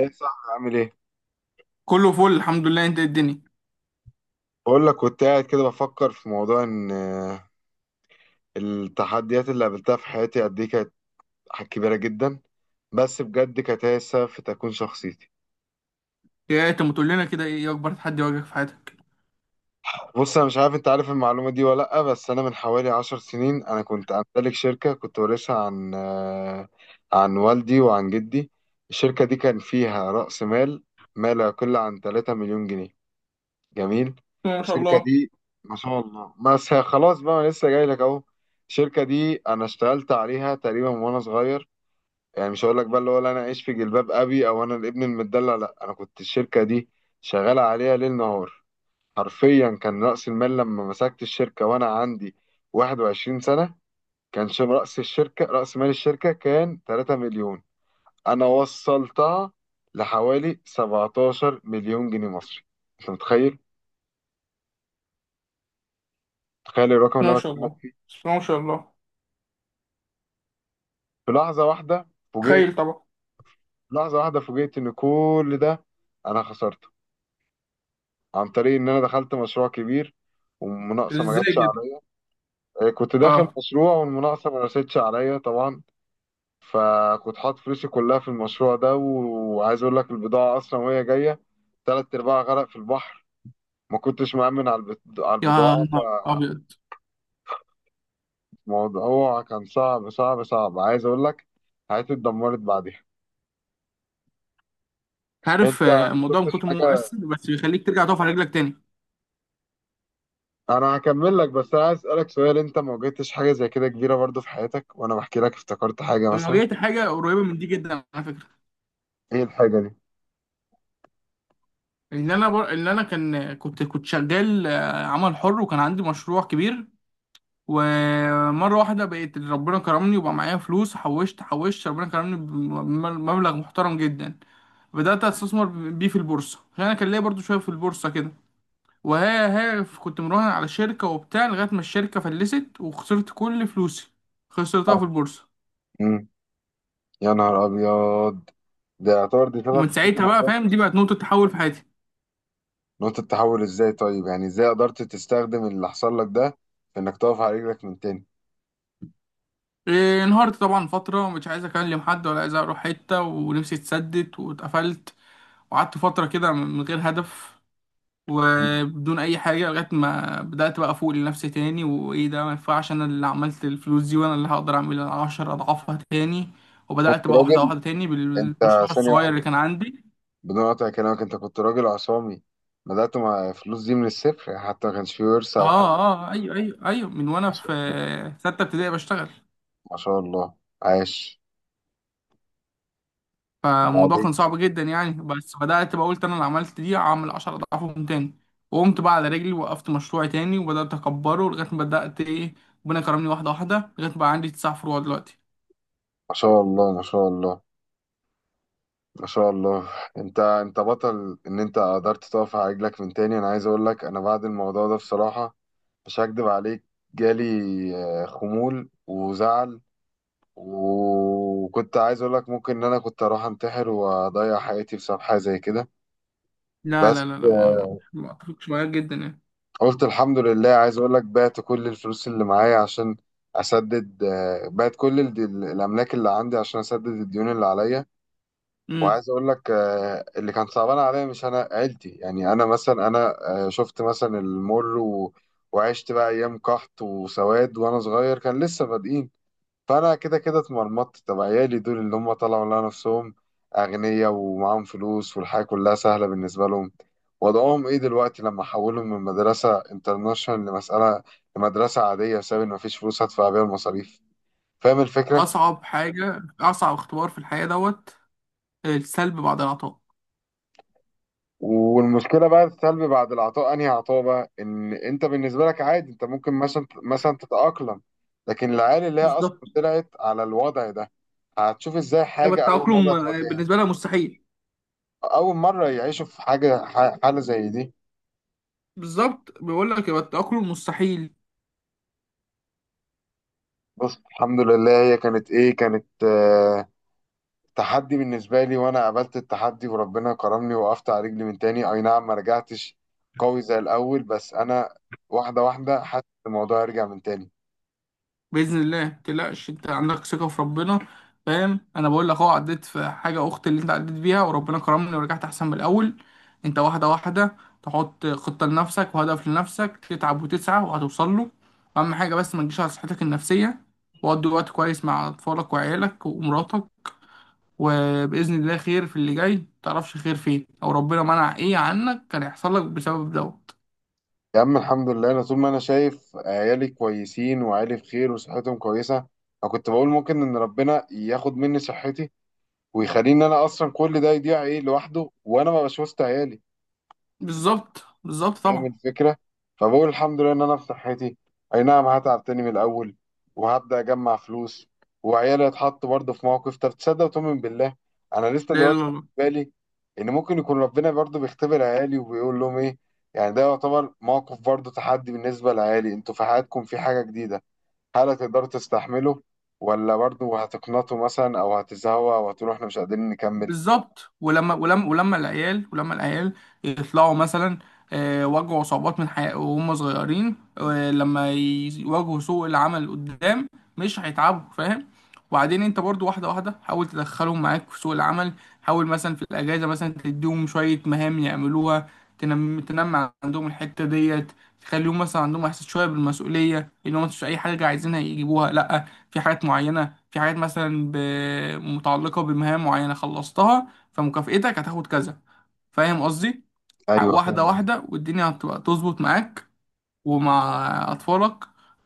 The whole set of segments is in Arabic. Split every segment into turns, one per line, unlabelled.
ايه صح؟ عامل ايه؟
كله فل، الحمد لله. انت ايه الدنيا؟
بقول لك كنت قاعد كده بفكر في موضوع ان التحديات اللي قابلتها في حياتي قد ايه كانت كبيره جدا، بس بجد كانت هي السبب في تكوين شخصيتي.
ايه انت ما تقول لنا كده، ايه اكبر تحدي واجهك في حياتك؟
بص انا مش عارف انت عارف المعلومه دي ولا لا، بس انا من حوالي عشر سنين انا كنت امتلك شركه، كنت وارثها عن عن والدي وعن جدي. الشركه دي كان فيها راس مال ما لا يقل عن 3 مليون جنيه. جميل.
ما شاء
الشركة
الله.
دي ما شاء الله، بس هي خلاص بقى، انا لسه جاي لك اهو. الشركة دي انا اشتغلت عليها تقريبا وانا صغير، يعني مش هقول لك بقى اللي هو لا انا عايش في جلباب ابي او انا الابن المدلع، لا، انا كنت الشركة دي شغال عليها ليل نهار حرفيا. كان رأس المال لما مسكت الشركة وانا عندي 21 سنة، كان رأس الشركة، رأس مال الشركة كان 3 مليون، انا وصلتها لحوالي 17 مليون جنيه مصري. انت متخيل؟ تخيل الرقم اللي
ما
انا
شاء الله.
بكلمك.
ما شاء الله.
في لحظة واحدة فوجئت،
تخيل طبعا.
لحظة واحدة فوجئت إن كل ده أنا خسرته، عن طريق إن أنا دخلت مشروع كبير والمناقصة ما
ازاي
جاتش
كده؟
عليا. كنت داخل
اه.
مشروع والمناقصة ما رستش عليا طبعا، فكنت حاطط فلوسي كلها في المشروع ده، وعايز أقول لك البضاعة أصلا وهي جاية تلات أرباعها غرق في البحر، ما كنتش مأمن على على
يا
البضاعة.
نهار ابيض.
فالموضوع كان صعب صعب صعب، عايز أقول لك حياتي اتدمرت بعدها.
عارف،
أنت ما
الموضوع من
شفتش
كتر ما هو
حاجة،
مؤثر بس بيخليك ترجع تقف على رجلك تاني.
انا هكمل لك، بس انا عايز اسالك سؤال: انت ما واجهتش حاجه زي كده كبيره برضو في حياتك وانا بحكي لك افتكرت حاجه
انا
مثلا؟
واجهت حاجه قريبه من دي جدا على فكره.
ايه الحاجه دي؟
ان انا كان كنت كنت شغال، عمل حر، وكان عندي مشروع كبير. ومره واحده بقيت ربنا كرمني وبقى معايا فلوس، حوشت حوشت، ربنا كرمني بمبلغ محترم جدا. بدأت أستثمر بيه في البورصة، عشان أنا كان ليا برضو شوية في البورصة كده. وهي هي كنت مراهن على شركة وبتاع، لغاية ما الشركة فلست وخسرت كل فلوسي، خسرتها
اه.
في البورصة.
امم يا نهار ابيض، ده يعتبر دي شبه
ومن
قصتي
ساعتها بقى، فاهم، دي
بالظبط.
بقت نقطة تحول في حياتي.
نقطه التحول ازاي طيب؟ يعني ازاي قدرت تستخدم اللي حصل لك ده في انك تقف على رجلك من تاني؟
إيه، انهارت طبعا فترة، ومش عايز أكلم حد ولا عايز أروح حتة، ونفسي اتسدت واتقفلت. وقعدت فترة كده من غير هدف
مم.
وبدون اي حاجه، لغايه ما بدات بقى افوق لنفسي تاني، وايه ده، ما ينفعش انا اللي عملت الفلوس دي وانا اللي هقدر اعمل 10 اضعافها تاني.
كنت
وبدات بقى واحده
راجل
واحده تاني
انت،
بالمشروع
ثانيه
الصغير اللي
واحده
كان عندي.
بدون قطع كلامك، انت كنت راجل عصامي، بدأت مع فلوس دي من الصفر، حتى ما كانش فيه ورثة
اه،
أو حاجة؟
اه، آه، ايوه، ايوه، ايوه، من وانا
ما شاء
في
الله.
سته ابتدائي بشتغل.
ما شاء الله. عاش.
فالموضوع كان
بعدين؟
صعب جدا يعني، بس بدات بقى قلت انا اللي عملت دي هعمل 10 اضعافهم تاني. وقمت بقى على رجلي، وقفت مشروعي تاني وبدات اكبره، لغايه ما بدات ايه، ربنا كرمني، واحده واحده، لغايه ما بقى عندي تسع فروع دلوقتي.
ما شاء الله ما شاء الله ما شاء الله. انت انت بطل ان انت قدرت تقف على رجلك من تاني. انا عايز اقول لك انا بعد الموضوع ده بصراحة، مش هكدب عليك، جالي خمول وزعل، وكنت عايز اقول لك ممكن ان انا كنت اروح انتحر واضيع حياتي بسبب حاجة زي كده.
لا لا
بس
لا لا، ما ما ما اتفقش معاك جدا يعني.
قلت الحمد لله. عايز اقول لك بعت كل الفلوس اللي معايا عشان اسدد، بعت كل الاملاك اللي عندي عشان اسدد الديون اللي عليا.
امم.
وعايز اقول لك اللي كان صعبان عليا مش انا، عيلتي، يعني انا مثلا انا شفت مثلا وعشت بقى ايام قحط وسواد وانا صغير كان لسه بادئين، فانا كده كده اتمرمطت. طب عيالي دول اللي هم طلعوا لنا نفسهم اغنياء ومعاهم فلوس والحياه كلها سهله بالنسبه لهم، وضعهم ايه دلوقتي لما حولهم من مدرسه انترناشونال لمساله، لمدرسه عاديه بسبب ان مفيش فلوس هدفع بيها المصاريف؟ فاهم الفكره؟
اصعب حاجه، اصعب اختبار في الحياه دوت، السلب بعد العطاء.
والمشكله بقى السلبي بعد العطاء، انهي عطاء بقى؟ ان انت بالنسبه لك عادي، انت ممكن مثلا تتاقلم، لكن العيال اللي هي اصلا
بالظبط.
طلعت على الوضع ده هتشوف ازاي
يبقى
حاجه اول مره
التأقلم،
تواجهها،
بالنسبه لها مستحيل.
اول مره يعيشوا في حاجه حاله زي دي.
بالظبط، بيقول لك يبقى التأقلم مستحيل.
بص الحمد لله، هي كانت ايه؟ كانت آه، تحدي بالنسبه لي، وانا قابلت التحدي وربنا كرمني، وقفت على رجلي من تاني. اي نعم ما رجعتش قوي زي الاول، بس انا واحده واحده حاسس إن الموضوع يرجع من تاني.
باذن الله متقلقش، انت عندك ثقه في ربنا. فاهم، انا بقول لك اهو، عديت في حاجه اخت اللي انت عديت بيها، وربنا كرمني ورجعت احسن من الاول. انت واحده واحده تحط خطه لنفسك وهدف لنفسك، تتعب وتسعى وهتوصل له. اهم حاجه بس ما تجيش على صحتك النفسيه، وقضي وقت كويس مع اطفالك وعيالك ومراتك. وباذن الله خير في اللي جاي، متعرفش خير فين، او ربنا منع ايه عنك كان هيحصل لك بسبب دوت.
يا عم الحمد لله، انا طول ما انا شايف عيالي كويسين وعيالي بخير وصحتهم كويسه، انا كنت بقول ممكن ان ربنا ياخد مني صحتي ويخليني انا اصلا كل ده يضيع ايه لوحده، وانا ما بشوفش عيالي.
بالظبط، بالظبط
فاهم
طبعا.
الفكرة؟ فبقول الحمد لله إن أنا في صحتي. أي نعم هتعب تاني من الأول وهبدأ أجمع فلوس، وعيالي هيتحطوا برضه في موقف. طب تصدق وتؤمن بالله، أنا لسه
لا لا
دلوقتي في
لا.
بالي إن ممكن يكون ربنا برضه بيختبر عيالي وبيقول لهم إيه؟ يعني ده يعتبر موقف برضه تحدي بالنسبة لعيالي، أنتوا في حياتكم في حاجة جديدة، هل هتقدروا تستحملوا؟ ولا برضه هتقنطوا مثلا أو هتزهقوا أو هتقولوا إحنا مش قادرين نكمل؟
بالظبط. ولما العيال يطلعوا مثلا، واجهوا صعوبات من حياة وهم صغيرين، لما يواجهوا سوق العمل قدام مش هيتعبوا، فاهم. وبعدين انت برضو واحدة واحدة حاول تدخلهم معاك في سوق العمل. حاول مثلا في الأجازة مثلا تديهم شوية مهام يعملوها. تنمي عندهم الحتة ديت. تخليهم مثلا عندهم إحساس شوية بالمسؤولية، إن هم مش أي حاجة عايزينها يجيبوها، لأ، في حاجات معينة، في حاجات مثلا ب... متعلقة بمهام معينة خلصتها، فمكافئتك هتاخد كذا. فاهم قصدي؟
أيوه
واحدة
فاهم.
واحدة والدنيا هتبقى تظبط معاك ومع أطفالك.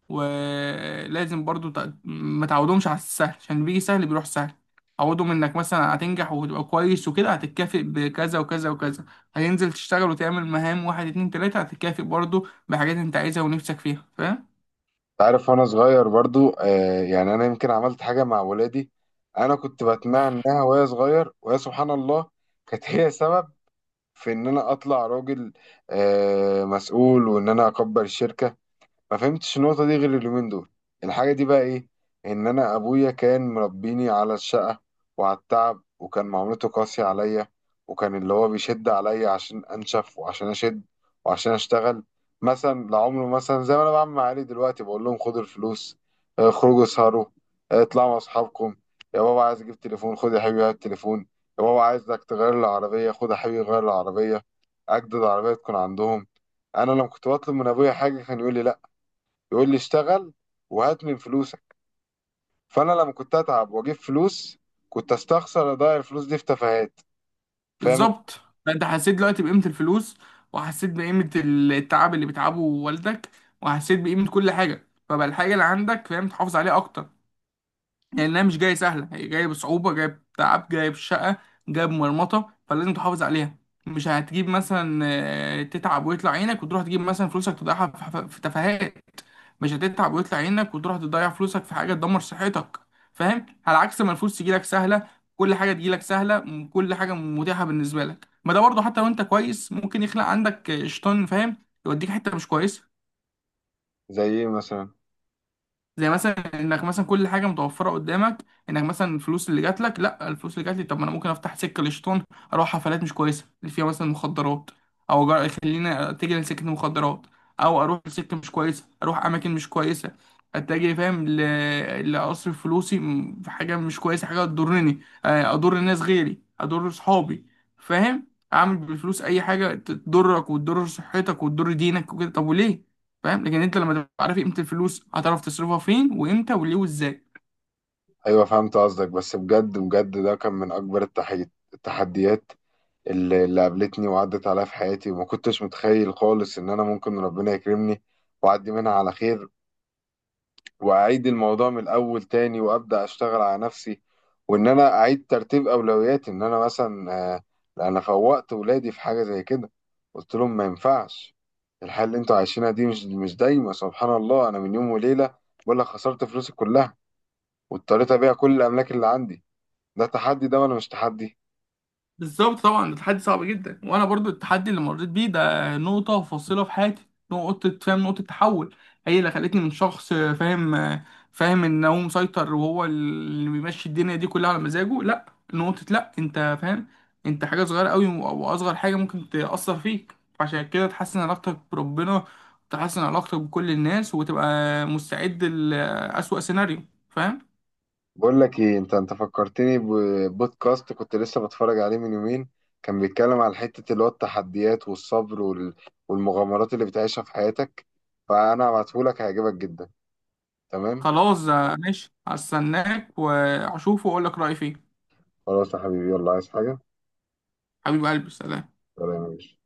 ولازم برضو ما تعودهمش على السهل، عشان بيجي سهل بيروح سهل. عودهم انك مثلا هتنجح وتبقى كويس وكده هتتكافئ بكذا وكذا وكذا. هتنزل تشتغل وتعمل مهام واحد اتنين تلاتة هتتكافئ برضو بحاجات انت عايزها ونفسك فيها، فاهم؟
عارف، وانا صغير برضو آه، يعني انا يمكن عملت حاجه مع ولادي. انا كنت بتمنى انها وهي صغير، وهي سبحان الله كانت هي سبب في ان انا اطلع راجل آه، مسؤول، وان انا اكبر الشركه. ما فهمتش النقطة دي غير اليومين دول. الحاجة دي بقى ايه؟ ان انا ابويا كان مربيني على الشقة وعلى التعب، وكان معاملته قاسية عليا، وكان اللي هو بيشد عليا عشان انشف وعشان اشد وعشان اشتغل. مثلا لعمره، مثلا زي ما انا بعمل مع عيالي دلوقتي، بقول لهم خدوا الفلوس، خرجوا اسهروا، اطلعوا مع اصحابكم. يا بابا عايز اجيب تليفون، خد يا حبيبي هات التليفون. يا بابا عايزك تغير العربية، خد يا حبيبي غير العربية، اجدد عربية تكون عندهم. انا لما كنت بطلب من ابويا حاجة كان يقول لي لا، يقول لي اشتغل وهات من فلوسك. فانا لما كنت اتعب واجيب فلوس، كنت استخسر اضيع الفلوس دي في تفاهات. فاهم؟
بالظبط. انت حسيت دلوقتي بقيمة الفلوس، وحسيت بقيمة التعب اللي بتعبه والدك، وحسيت بقيمة كل حاجة. فبقى الحاجة اللي عندك، فاهم، تحافظ عليها اكتر، لانها مش جايه سهله، هي جايه بصعوبه، جايه بتعب، جايه بشقه، جايه بمرمطه، فلازم تحافظ عليها. مش هتجيب مثلا، تتعب ويطلع عينك وتروح تجيب مثلا فلوسك تضيعها في تفاهات. مش هتتعب ويطلع عينك وتروح تضيع فلوسك في حاجه تدمر صحتك، فاهم. على عكس ما الفلوس تجيلك سهله، كل حاجه تجيلك سهله، كل حاجه متاحه بالنسبه لك، ما ده برضه حتى لو انت كويس ممكن يخلق عندك، شيطان، فاهم، يوديك حته مش كويسه.
زي ايه مثلا؟
زي مثلا انك مثلا كل حاجه متوفره قدامك، انك مثلا الفلوس اللي جات لك، لا الفلوس اللي جات لي، طب ما انا ممكن افتح سكه للشيطان، اروح حفلات مش كويسه اللي فيها مثلا مخدرات، خليني اتجه لسكه المخدرات، او اروح لسكه مش كويسه، اروح اماكن مش كويسه، اتجه، فاهم، لاصرف فلوسي في حاجه مش كويسه، حاجه تضرني، اضر الناس غيري، اضر صحابي، فاهم. اعمل بالفلوس اي حاجه تضرك وتضر صحتك وتضر دينك وكده، طب وليه؟ فاهم، لكن انت لما تبقى عارف قيمه الفلوس هتعرف تصرفها فين وامتى وليه وازاي.
ايوه فهمت قصدك. بس بجد بجد ده كان من اكبر التحديات اللي قابلتني وعدت عليا في حياتي، وما كنتش متخيل خالص ان انا ممكن ربنا يكرمني واعدي منها على خير، واعيد الموضوع من الاول تاني وابدا اشتغل على نفسي، وان انا اعيد ترتيب اولوياتي. ان انا مثلا انا فوقت ولادي في حاجه زي كده، قلت لهم ما ينفعش الحياه اللي انتوا عايشينها دي، مش دايما. سبحان الله انا من يوم وليله بقول لك خسرت فلوسي كلها، واضطريت ابيع كل الاملاك اللي عندي، ده تحدي ده ولا مش تحدي؟
بالظبط طبعا، ده تحدي صعب جدا. وانا برضو التحدي اللي مريت بيه ده نقطه فاصله في حياتي، نقطه، فاهم، نقطه تحول. هي اللي خلتني من شخص فاهم، فاهم ان هو مسيطر وهو اللي بيمشي الدنيا دي كلها على مزاجه، لا، نقطه، لا، انت فاهم، انت حاجه صغيره قوي، واصغر حاجه ممكن تاثر فيك. عشان كده تحسن علاقتك بربنا، تحسن علاقتك بكل الناس، وتبقى مستعد لأسوأ سيناريو، فاهم.
بقول لك ايه، انت انت فكرتني ببودكاست كنت لسه بتفرج عليه من يومين، كان بيتكلم على حتة اللي هو التحديات والصبر والمغامرات اللي بتعيشها في حياتك، فانا هبعتهولك هيعجبك جدا. تمام؟
خلاص، ماشي، هستناك واشوفه واقول لك رأيي فيه.
خلاص يا حبيبي، يلا، عايز حاجة؟
حبيب قلبي، سلام.
سلام يا باشا.